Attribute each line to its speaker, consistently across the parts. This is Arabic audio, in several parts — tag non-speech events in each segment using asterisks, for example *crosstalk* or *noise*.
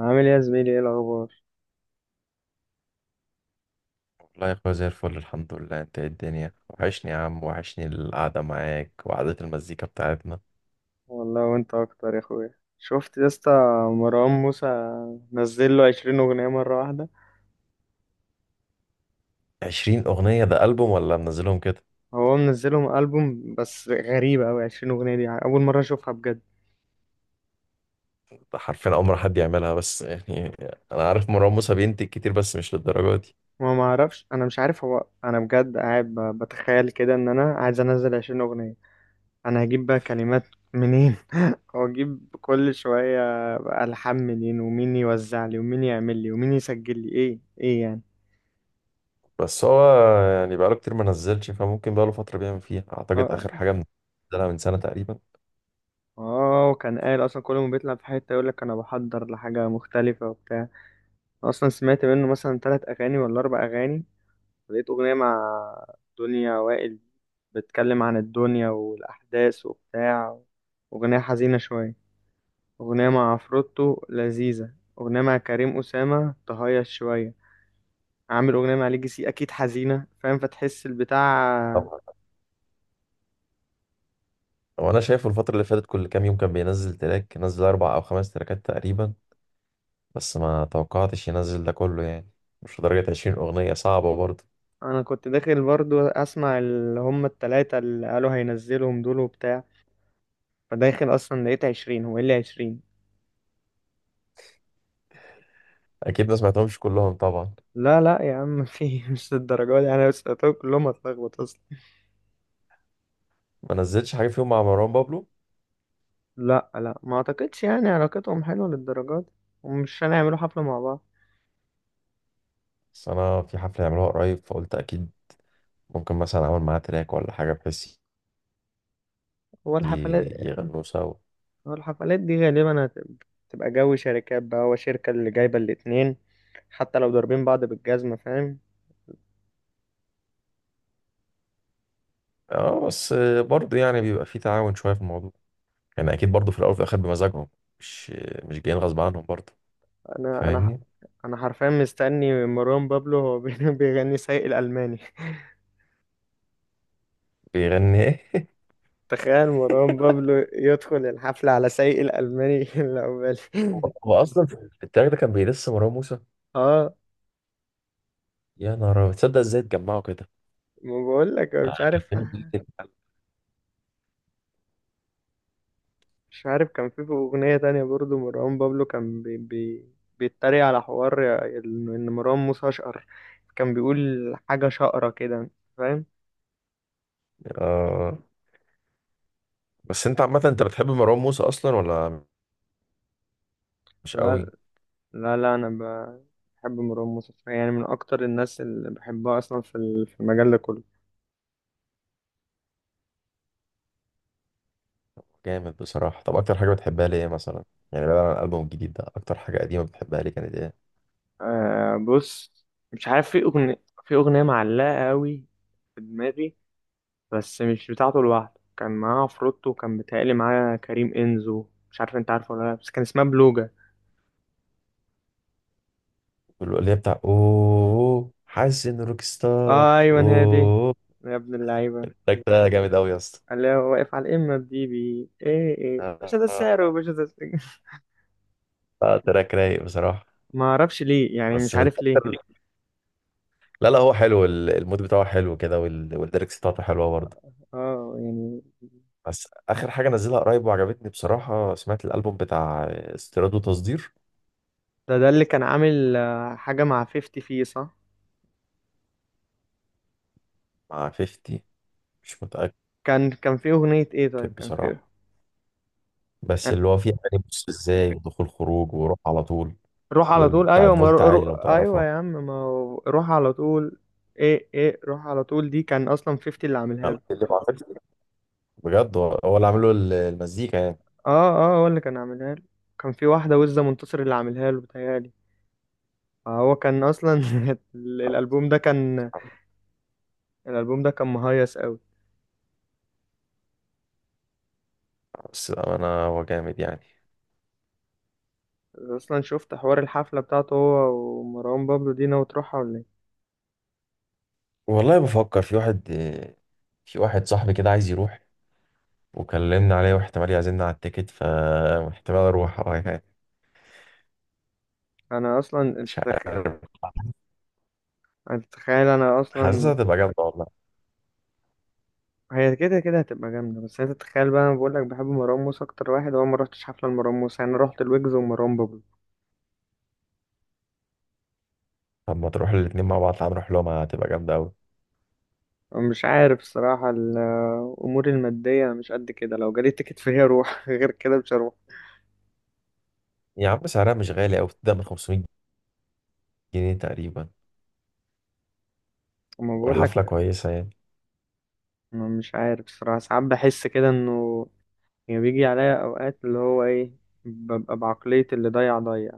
Speaker 1: عامل ايه يا زميلي؟ ايه الاخبار؟
Speaker 2: والله يا اخويا زي الفل، الحمد لله. انت ايه؟ الدنيا وحشني يا عم، وحشني القعدة معاك وقعدة المزيكا بتاعتنا.
Speaker 1: والله وانت اكتر يا اخويا. شفت يا اسطى؟ مروان موسى نزل له 20 اغنيه مره واحده.
Speaker 2: 20 أغنية؟ ده ألبوم ولا منزلهم كده؟
Speaker 1: هو منزلهم البوم بس غريبه قوي، 20 اغنيه دي اول مره اشوفها بجد.
Speaker 2: ده حرفيا أول مرة حد يعملها، بس يعني أنا عارف مروان موسى بينتج كتير، بس مش للدرجة دي.
Speaker 1: ما اعرفش، انا مش عارف، هو انا بجد قاعد بتخيل كده ان انا عايز انزل 20 اغنيه. انا هجيب بقى كلمات منين؟ *laughs* هو اجيب كل شويه بقى الحان منين، ومين يوزع لي، ومين يعمل لي، ومين يسجل لي، ايه يعني؟
Speaker 2: بس هو يعني بقاله كتير ما نزلش، فممكن بقاله فترة بيعمل فيها. أعتقد
Speaker 1: آه.
Speaker 2: آخر حاجة منزلها من سنة تقريبا.
Speaker 1: اه، وكان قال اصلا كل ما بيطلع في حته يقول لك انا بحضر لحاجه مختلفه وبتاع. أنا اصلا سمعت منه مثلا 3 اغاني ولا 4 اغاني. لقيت اغنيه مع دنيا وائل بتتكلم عن الدنيا والاحداث وبتاع، اغنيه حزينه شويه، اغنيه مع عفروتو لذيذه، اغنيه مع كريم اسامه تهيص شويه. عامل اغنيه مع ليجي سي اكيد حزينه، فاهم؟ فتحس البتاع.
Speaker 2: طبعا. وأنا شايفه الفترة اللي فاتت كل كام يوم كان بينزل تراك، نزل أربع أو خمس تراكات تقريبا. بس ما توقعتش ينزل ده كله يعني. مش لدرجة 20 أغنية، صعبة برضه.
Speaker 1: انا كنت داخل برضو اسمع اللي هم الـ3 اللي قالوا هينزلهم دول وبتاع، فداخل اصلا لقيت 20. هو ايه اللي 20؟
Speaker 2: اكيد ما سمعتهمش كلهم طبعا.
Speaker 1: لا لا يا عم، في *laughs* مش الدرجات دي، انا سألتهم كلهم هتلخبط اصلا.
Speaker 2: ما نزلتش حاجه فيهم مع مروان بابلو؟
Speaker 1: لا لا، ما اعتقدش يعني علاقتهم حلوه للدرجات دي، ومش هنعملوا حفله مع بعض.
Speaker 2: بس انا في حفله يعملوها قريب، فقلت اكيد ممكن مثلا اعمل معاه تراك ولا حاجه، بحيث
Speaker 1: هو الحفلات،
Speaker 2: يغنوا سوا.
Speaker 1: هو الحفلات دي غالبا هتبقى تبقى جو شركات بقى، هو شركه اللي جايبه الاتنين، حتى لو ضاربين بعض بالجزمه، فاهم؟
Speaker 2: اه بس برضه يعني بيبقى في تعاون شويه في الموضوع. يعني اكيد برضه في الاول وفي الاخر بمزاجهم. مش مش جايين غصب عنهم برضه.
Speaker 1: انا انا ح-
Speaker 2: فاهمني؟
Speaker 1: انا حرفيا مستني مروان بابلو هو *laughs* بيغني سايق الالماني *laughs*
Speaker 2: بيغني ايه؟
Speaker 1: تخيل مروان
Speaker 2: *laughs*
Speaker 1: بابلو يدخل الحفله على سايق الالماني *laughs* اللي عقبالي.
Speaker 2: هو اصلا في التراك ده كان بيدس مروان موسى.
Speaker 1: اه،
Speaker 2: يا نهار أبيض، تصدق ازاي اتجمعوا كده؟
Speaker 1: ما بقول لك
Speaker 2: آه،
Speaker 1: مش
Speaker 2: كان
Speaker 1: عارف.
Speaker 2: فيلم جامد جداً.
Speaker 1: مش عارف، كان في اغنيه تانية برضو مروان بابلو كان بي بي بيتريق على حوار إن مروان موسى اشقر، كان بيقول حاجه شقره كده، فاهم؟
Speaker 2: آه، بس انت عامه انت بتحب مروان موسى اصلا ولا مش
Speaker 1: لا
Speaker 2: قوي؟
Speaker 1: لا لا، انا بحب مروان موسى يعني، من اكتر الناس اللي بحبها اصلا في المجال ده كله.
Speaker 2: جامد بصراحة. طب أكتر حاجة بتحبها ليه مثلا؟ يعني بعيد عن الألبوم الجديد ده، أكتر حاجة قديمة بتحبها ليه؟ كانت إيه؟
Speaker 1: آه بص، مش عارف، في اغنيه معلقه قوي في دماغي، بس مش بتاعته لوحده، كان معاه عفروتو وكان متهيألي معاه كريم إنزو، مش عارف انت عارفه ولا لا، بس كان اسمها بلوجا.
Speaker 2: اللي هي بتاع أوه حاسس إن روك
Speaker 1: آه،
Speaker 2: ستار
Speaker 1: ايوه، هادي،
Speaker 2: أوه.
Speaker 1: يا ابن اللعيبة.
Speaker 2: التراك ده جامد أوي يا اسطى.
Speaker 1: قال لي هو واقف على الإمة بدي بي ايه ايه باشا ده
Speaker 2: آه،
Speaker 1: السعر وباشا ده السعر.
Speaker 2: آه، تراك رايق بصراحة.
Speaker 1: *laughs* ما اعرفش ليه يعني،
Speaker 2: بس
Speaker 1: مش
Speaker 2: من
Speaker 1: عارف ليه.
Speaker 2: أكتر. لا لا، هو حلو، المود بتاعه حلو كده، والليركس بتاعته حلوة برضه.
Speaker 1: اه يعني.
Speaker 2: بس آخر حاجة نزلها قريب وعجبتني بصراحة، سمعت الألبوم بتاع استيراد وتصدير.
Speaker 1: ده اللي كان عامل آه، حاجة مع 50 فيه، صح؟
Speaker 2: مع 50؟ مش متأكد.
Speaker 1: كان في أغنية ايه طيب؟ كان في إيه؟
Speaker 2: بصراحة بس
Speaker 1: يعني
Speaker 2: اللي هو فيه اغاني بص ازاي، ودخول خروج، وروح على طول،
Speaker 1: روح على طول،
Speaker 2: وبتاعت
Speaker 1: ايوه، ما
Speaker 2: فولت
Speaker 1: رو... رو...
Speaker 2: عالي لو
Speaker 1: ايوه
Speaker 2: تعرفها.
Speaker 1: يا عم، ما هو روح على طول. ايه ايه، روح على طول دي كان اصلا 50 اللي عاملها
Speaker 2: أنا
Speaker 1: له.
Speaker 2: اللي ما عملش. بجد، هو اللي عامله المزيكا يعني.
Speaker 1: اه، اه هو اللي كان عاملها له، كان في واحدة وزة منتصر اللي عاملها له بتهيألي. فهو كان أصلا *laughs* الألبوم ده كان، الألبوم ده كان مهيص أوي.
Speaker 2: بس انا هو جامد يعني.
Speaker 1: أصلا شفت حوار الحفلة بتاعته هو ومروان بابلو دي؟ ناوي تروحها ولا إيه؟
Speaker 2: والله بفكر. في واحد صاحبي كده عايز يروح، وكلمنا عليه واحتمال يعزمنا على التيكت، فاحتمال اروح. *laughs* اه يعني
Speaker 1: أنا أصلا
Speaker 2: مش
Speaker 1: التخ...
Speaker 2: عارف.
Speaker 1: أنا تتخيل، أنا أصلا
Speaker 2: حاسسها هتبقى جامده والله.
Speaker 1: هي كده كده هتبقى جامدة، بس أنت تتخيل بقى، أنا بقولك بحب مروان موسى أكتر واحد، هو ما رحتش حفلة لمروان موسى، أنا رحت الويجز ومروان بابلو.
Speaker 2: طب ما تروح الاتنين مع بعض، تعال نروح لهم، هتبقى جامده قوي.
Speaker 1: مش عارف الصراحة، الأمور المادية مش قد كده، لو جالي تيكت فهي أروح *laughs* غير كده مش هروح.
Speaker 2: يا عم سعرها مش غالي قوي، بتبدا من 500 جنيه تقريبا،
Speaker 1: أما بقولك،
Speaker 2: والحفله كويسه يعني.
Speaker 1: أنا مش عارف الصراحة، ساعات بحس كده إنه يعني بيجي عليا أوقات اللي هو إيه، ببقى بعقلية اللي ضيع ضيع.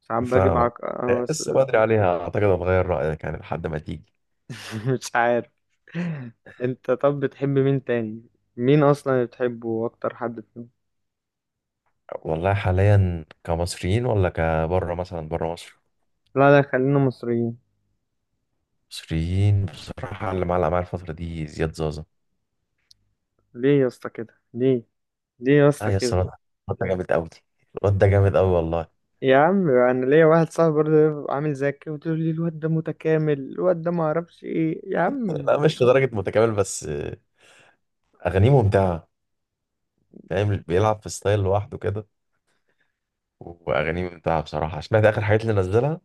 Speaker 1: ساعات باجي
Speaker 2: فاهمك.
Speaker 1: بعق... أنا بس-
Speaker 2: لسه بدري عليها، اعتقد هتغير رايك يعني لحد ما تيجي.
Speaker 1: *laughs* مش عارف. أنت طب بتحب مين تاني؟ مين أصلا اللي بتحبه أكتر حد فيهم؟
Speaker 2: والله حاليا كمصريين ولا كبره مثلا بره مصر؟
Speaker 1: لا لا، خلينا مصريين.
Speaker 2: مصريين بصراحه اللي معلق معايا الفتره دي زياد زازا.
Speaker 1: ليه يا اسطى كده؟ ليه؟ ليه يا
Speaker 2: اه
Speaker 1: اسطى
Speaker 2: يا اسطى،
Speaker 1: كده؟
Speaker 2: الواد ده جامد قوي، الواد ده جامد قوي والله.
Speaker 1: يا عم، أنا ليا واحد صاحبي برضه عامل زيك كده وتقول لي الواد ده متكامل، الواد ده معرفش إيه يا عم.
Speaker 2: لا مش لدرجه متكامل، بس اغانيه ممتعه. فاهم، بيلعب في ستايل لوحده كده، واغانيه ممتعه بصراحه. سمعت اخر حاجات اللي نزلها.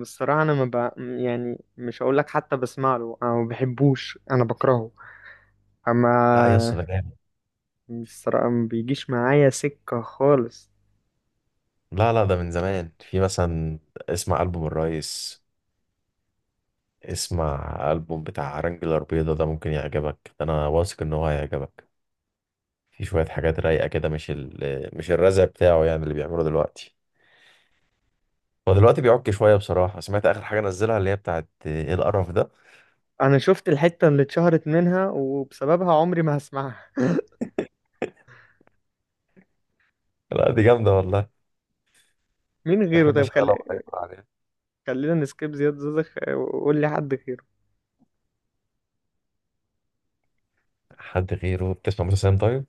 Speaker 1: بصراحة أنا ما ب... يعني مش هقول لك حتى بسمع له، أنا ما بحبوش، أنا بكرهه. أما
Speaker 2: لا يا اسطى ده جامد.
Speaker 1: بصراحة ما بيجيش معايا سكة خالص.
Speaker 2: لا لا ده من زمان، في مثلا، اسمع ألبوم الريس، اسمع ألبوم بتاع رانجلر بيضة ده ممكن يعجبك، ده أنا واثق إن هو هيعجبك. في شوية حاجات رايقة كده، مش الرزع بتاعه يعني اللي بيعمله دلوقتي. هو دلوقتي بيعك شوية بصراحة. سمعت آخر حاجة نزلها اللي هي بتاعت إيه القرف ده.
Speaker 1: أنا شفت الحتة اللي اتشهرت منها وبسببها، عمري ما هسمعها.
Speaker 2: لا دي جامدة والله،
Speaker 1: *laughs* مين غيره
Speaker 2: بحب
Speaker 1: طيب؟
Speaker 2: أشغلها وأتفرج عليها.
Speaker 1: خلينا نسكيب زياد زوزخ وقول لي حد غيره.
Speaker 2: حد غيره؟ بتسمع موسى سام طيب؟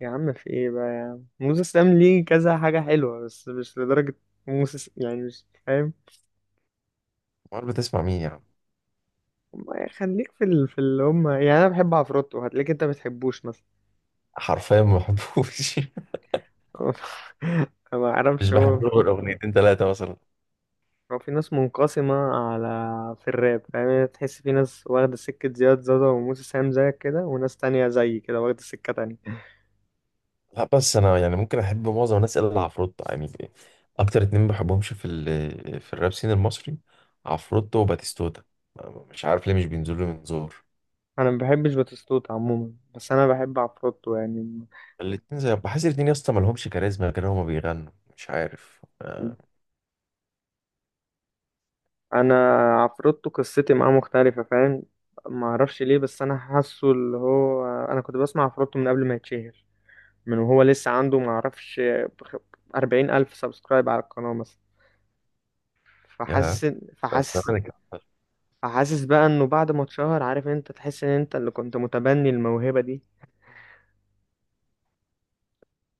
Speaker 1: يا عم في إيه بقى يا عم، موسى سام ليه كذا حاجة حلوة بس مش لدرجة. يعني مش فاهم.
Speaker 2: أمال بتسمع مين يا عم؟
Speaker 1: ما خليك في اللي هم، يعني أنا بحب عفروتو، هتلاقيك أنت ما بتحبوش مثلا.
Speaker 2: حرفيا ما بحبوش. *laughs*
Speaker 1: *laughs* ما
Speaker 2: مش
Speaker 1: اعرفش هو،
Speaker 2: بحب له غير أغنيتين تلاتة مثلا.
Speaker 1: هو في ناس منقسمة على، في الراب يعني، تحس في ناس واخدة سكة زياد زازا وموسى سام زيك كده، وناس تانية زي كده واخدة سكة تانية.
Speaker 2: لا بس انا يعني ممكن احب معظم الناس الا عفروتو يعني. اكتر اتنين ما بحبهمش في الراب سين المصري، عفروتو وباتيستوتا. مش عارف ليه، مش بينزلوا من زور.
Speaker 1: انا ما بحبش باتيستوتا عموما، بس انا بحب عفروتو يعني.
Speaker 2: الاتنين زي، بحس الاتنين يا اسطى مالهمش كاريزما كده هما بيغنوا. مش عارف. آه،
Speaker 1: انا عفروتو قصتي معاه مختلفة، فاهم؟ ما اعرفش ليه، بس انا حاسه اللي هو انا كنت بسمع عفروتو من قبل ما يتشهر، من وهو لسه عنده ما اعرفش 40,000 سبسكرايب على القناة مثلا،
Speaker 2: يا،
Speaker 1: فحاسس،
Speaker 2: طب
Speaker 1: فحاسس
Speaker 2: زمان كان أحسن.
Speaker 1: حاسس بقى انه بعد ما اتشهر، عارف، انت تحس ان انت اللي كنت متبني الموهبة دي.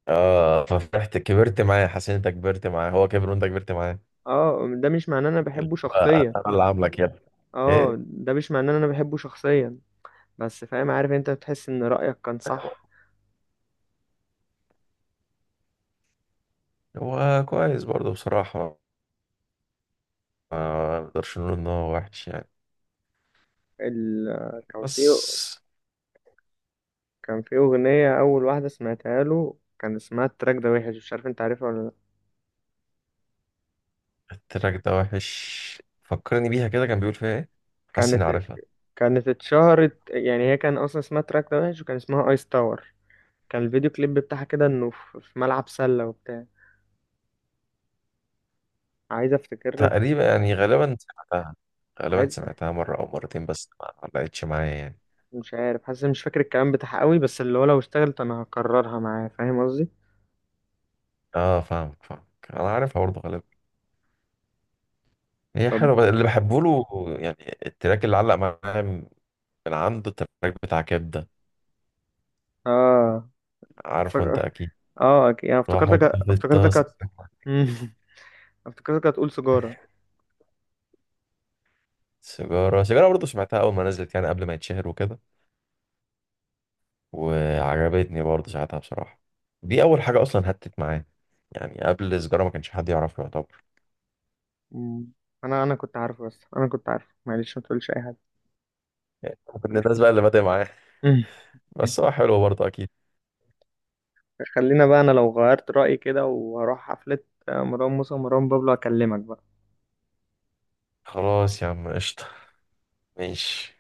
Speaker 2: اه ففرحت كبرت معاه، حسين انت كبرت معاه، هو كبر وانت كبرت معاه.
Speaker 1: اه، ده مش معناه ان انا
Speaker 2: اللي
Speaker 1: بحبه
Speaker 2: هو
Speaker 1: شخصيا.
Speaker 2: انا اللي عاملك يا ابني.
Speaker 1: اه
Speaker 2: ايه.
Speaker 1: ده مش معناه ان انا بحبه شخصيا، بس فاهم، عارف، انت تحس ان رأيك كان صح.
Speaker 2: هو كويس برضه بصراحة، ما نقدرش نقول ان هو وحش يعني.
Speaker 1: ال... كان في،
Speaker 2: بس
Speaker 1: كان في اغنية اول واحدة سمعتها له كان اسمها التراك ده وحش، مش عارف انت عارفها ولا لا؟
Speaker 2: التراك ده وحش، فكرني بيها كده. كان بيقول فيها ايه؟ حاسس اني
Speaker 1: كانت
Speaker 2: عارفها.
Speaker 1: كانت اتشهرت يعني، هي كان اصلا اسمها التراك ده وحش وكان اسمها ايس تاور. كان الفيديو كليب بتاعها كده انه في في ملعب سلة وبتاع. عايز افتكر لك.
Speaker 2: تقريبا يعني، غالبا سمعتها. غالبا
Speaker 1: عايز
Speaker 2: سمعتها مرة او مرتين، بس ما لقيتش معايا يعني.
Speaker 1: مش عارف، حاسس مش فاكر الكلام بتاعها قوي، بس اللي هو لو اشتغلت انا هكررها معاه، فاهم قصدي؟
Speaker 2: اه فاهمك فاهمك، انا عارفها برضه غالبا. هي
Speaker 1: طب
Speaker 2: حلوة، بس اللي بحبه له يعني التراك اللي علق معايا من عنده، التراك بتاع كبدة،
Speaker 1: اه، فك...
Speaker 2: عارفه انت اكيد،
Speaker 1: اه، يعني
Speaker 2: واحط
Speaker 1: افتكرتك.
Speaker 2: في
Speaker 1: افتكرتك
Speaker 2: الطاسة.
Speaker 1: هت... مم. *laughs* افتكرتك هتقول سيجارة.
Speaker 2: سيجارة، سيجارة برضه سمعتها أول ما نزلت يعني قبل ما يتشهر وكده، وعجبتني برضه ساعتها بصراحة. دي أول حاجة أصلا هتت معايا، يعني قبل سجارة ما كانش حد يعرفه يعتبر.
Speaker 1: مم. انا كنت عارفه، بس انا كنت عارفه، معلش ما تقولش اي حاجة.
Speaker 2: كنا الناس بقى اللي بادئ معاه.
Speaker 1: *laughs* مم.
Speaker 2: بس هو حلو برضه أكيد.
Speaker 1: خلينا بقى، انا لو غيرت رأيي كده وهروح حفلة آه، مروان موسى ومروان بابلو، اكلمك بقى.
Speaker 2: خلاص يا عم قشطة، ماشي.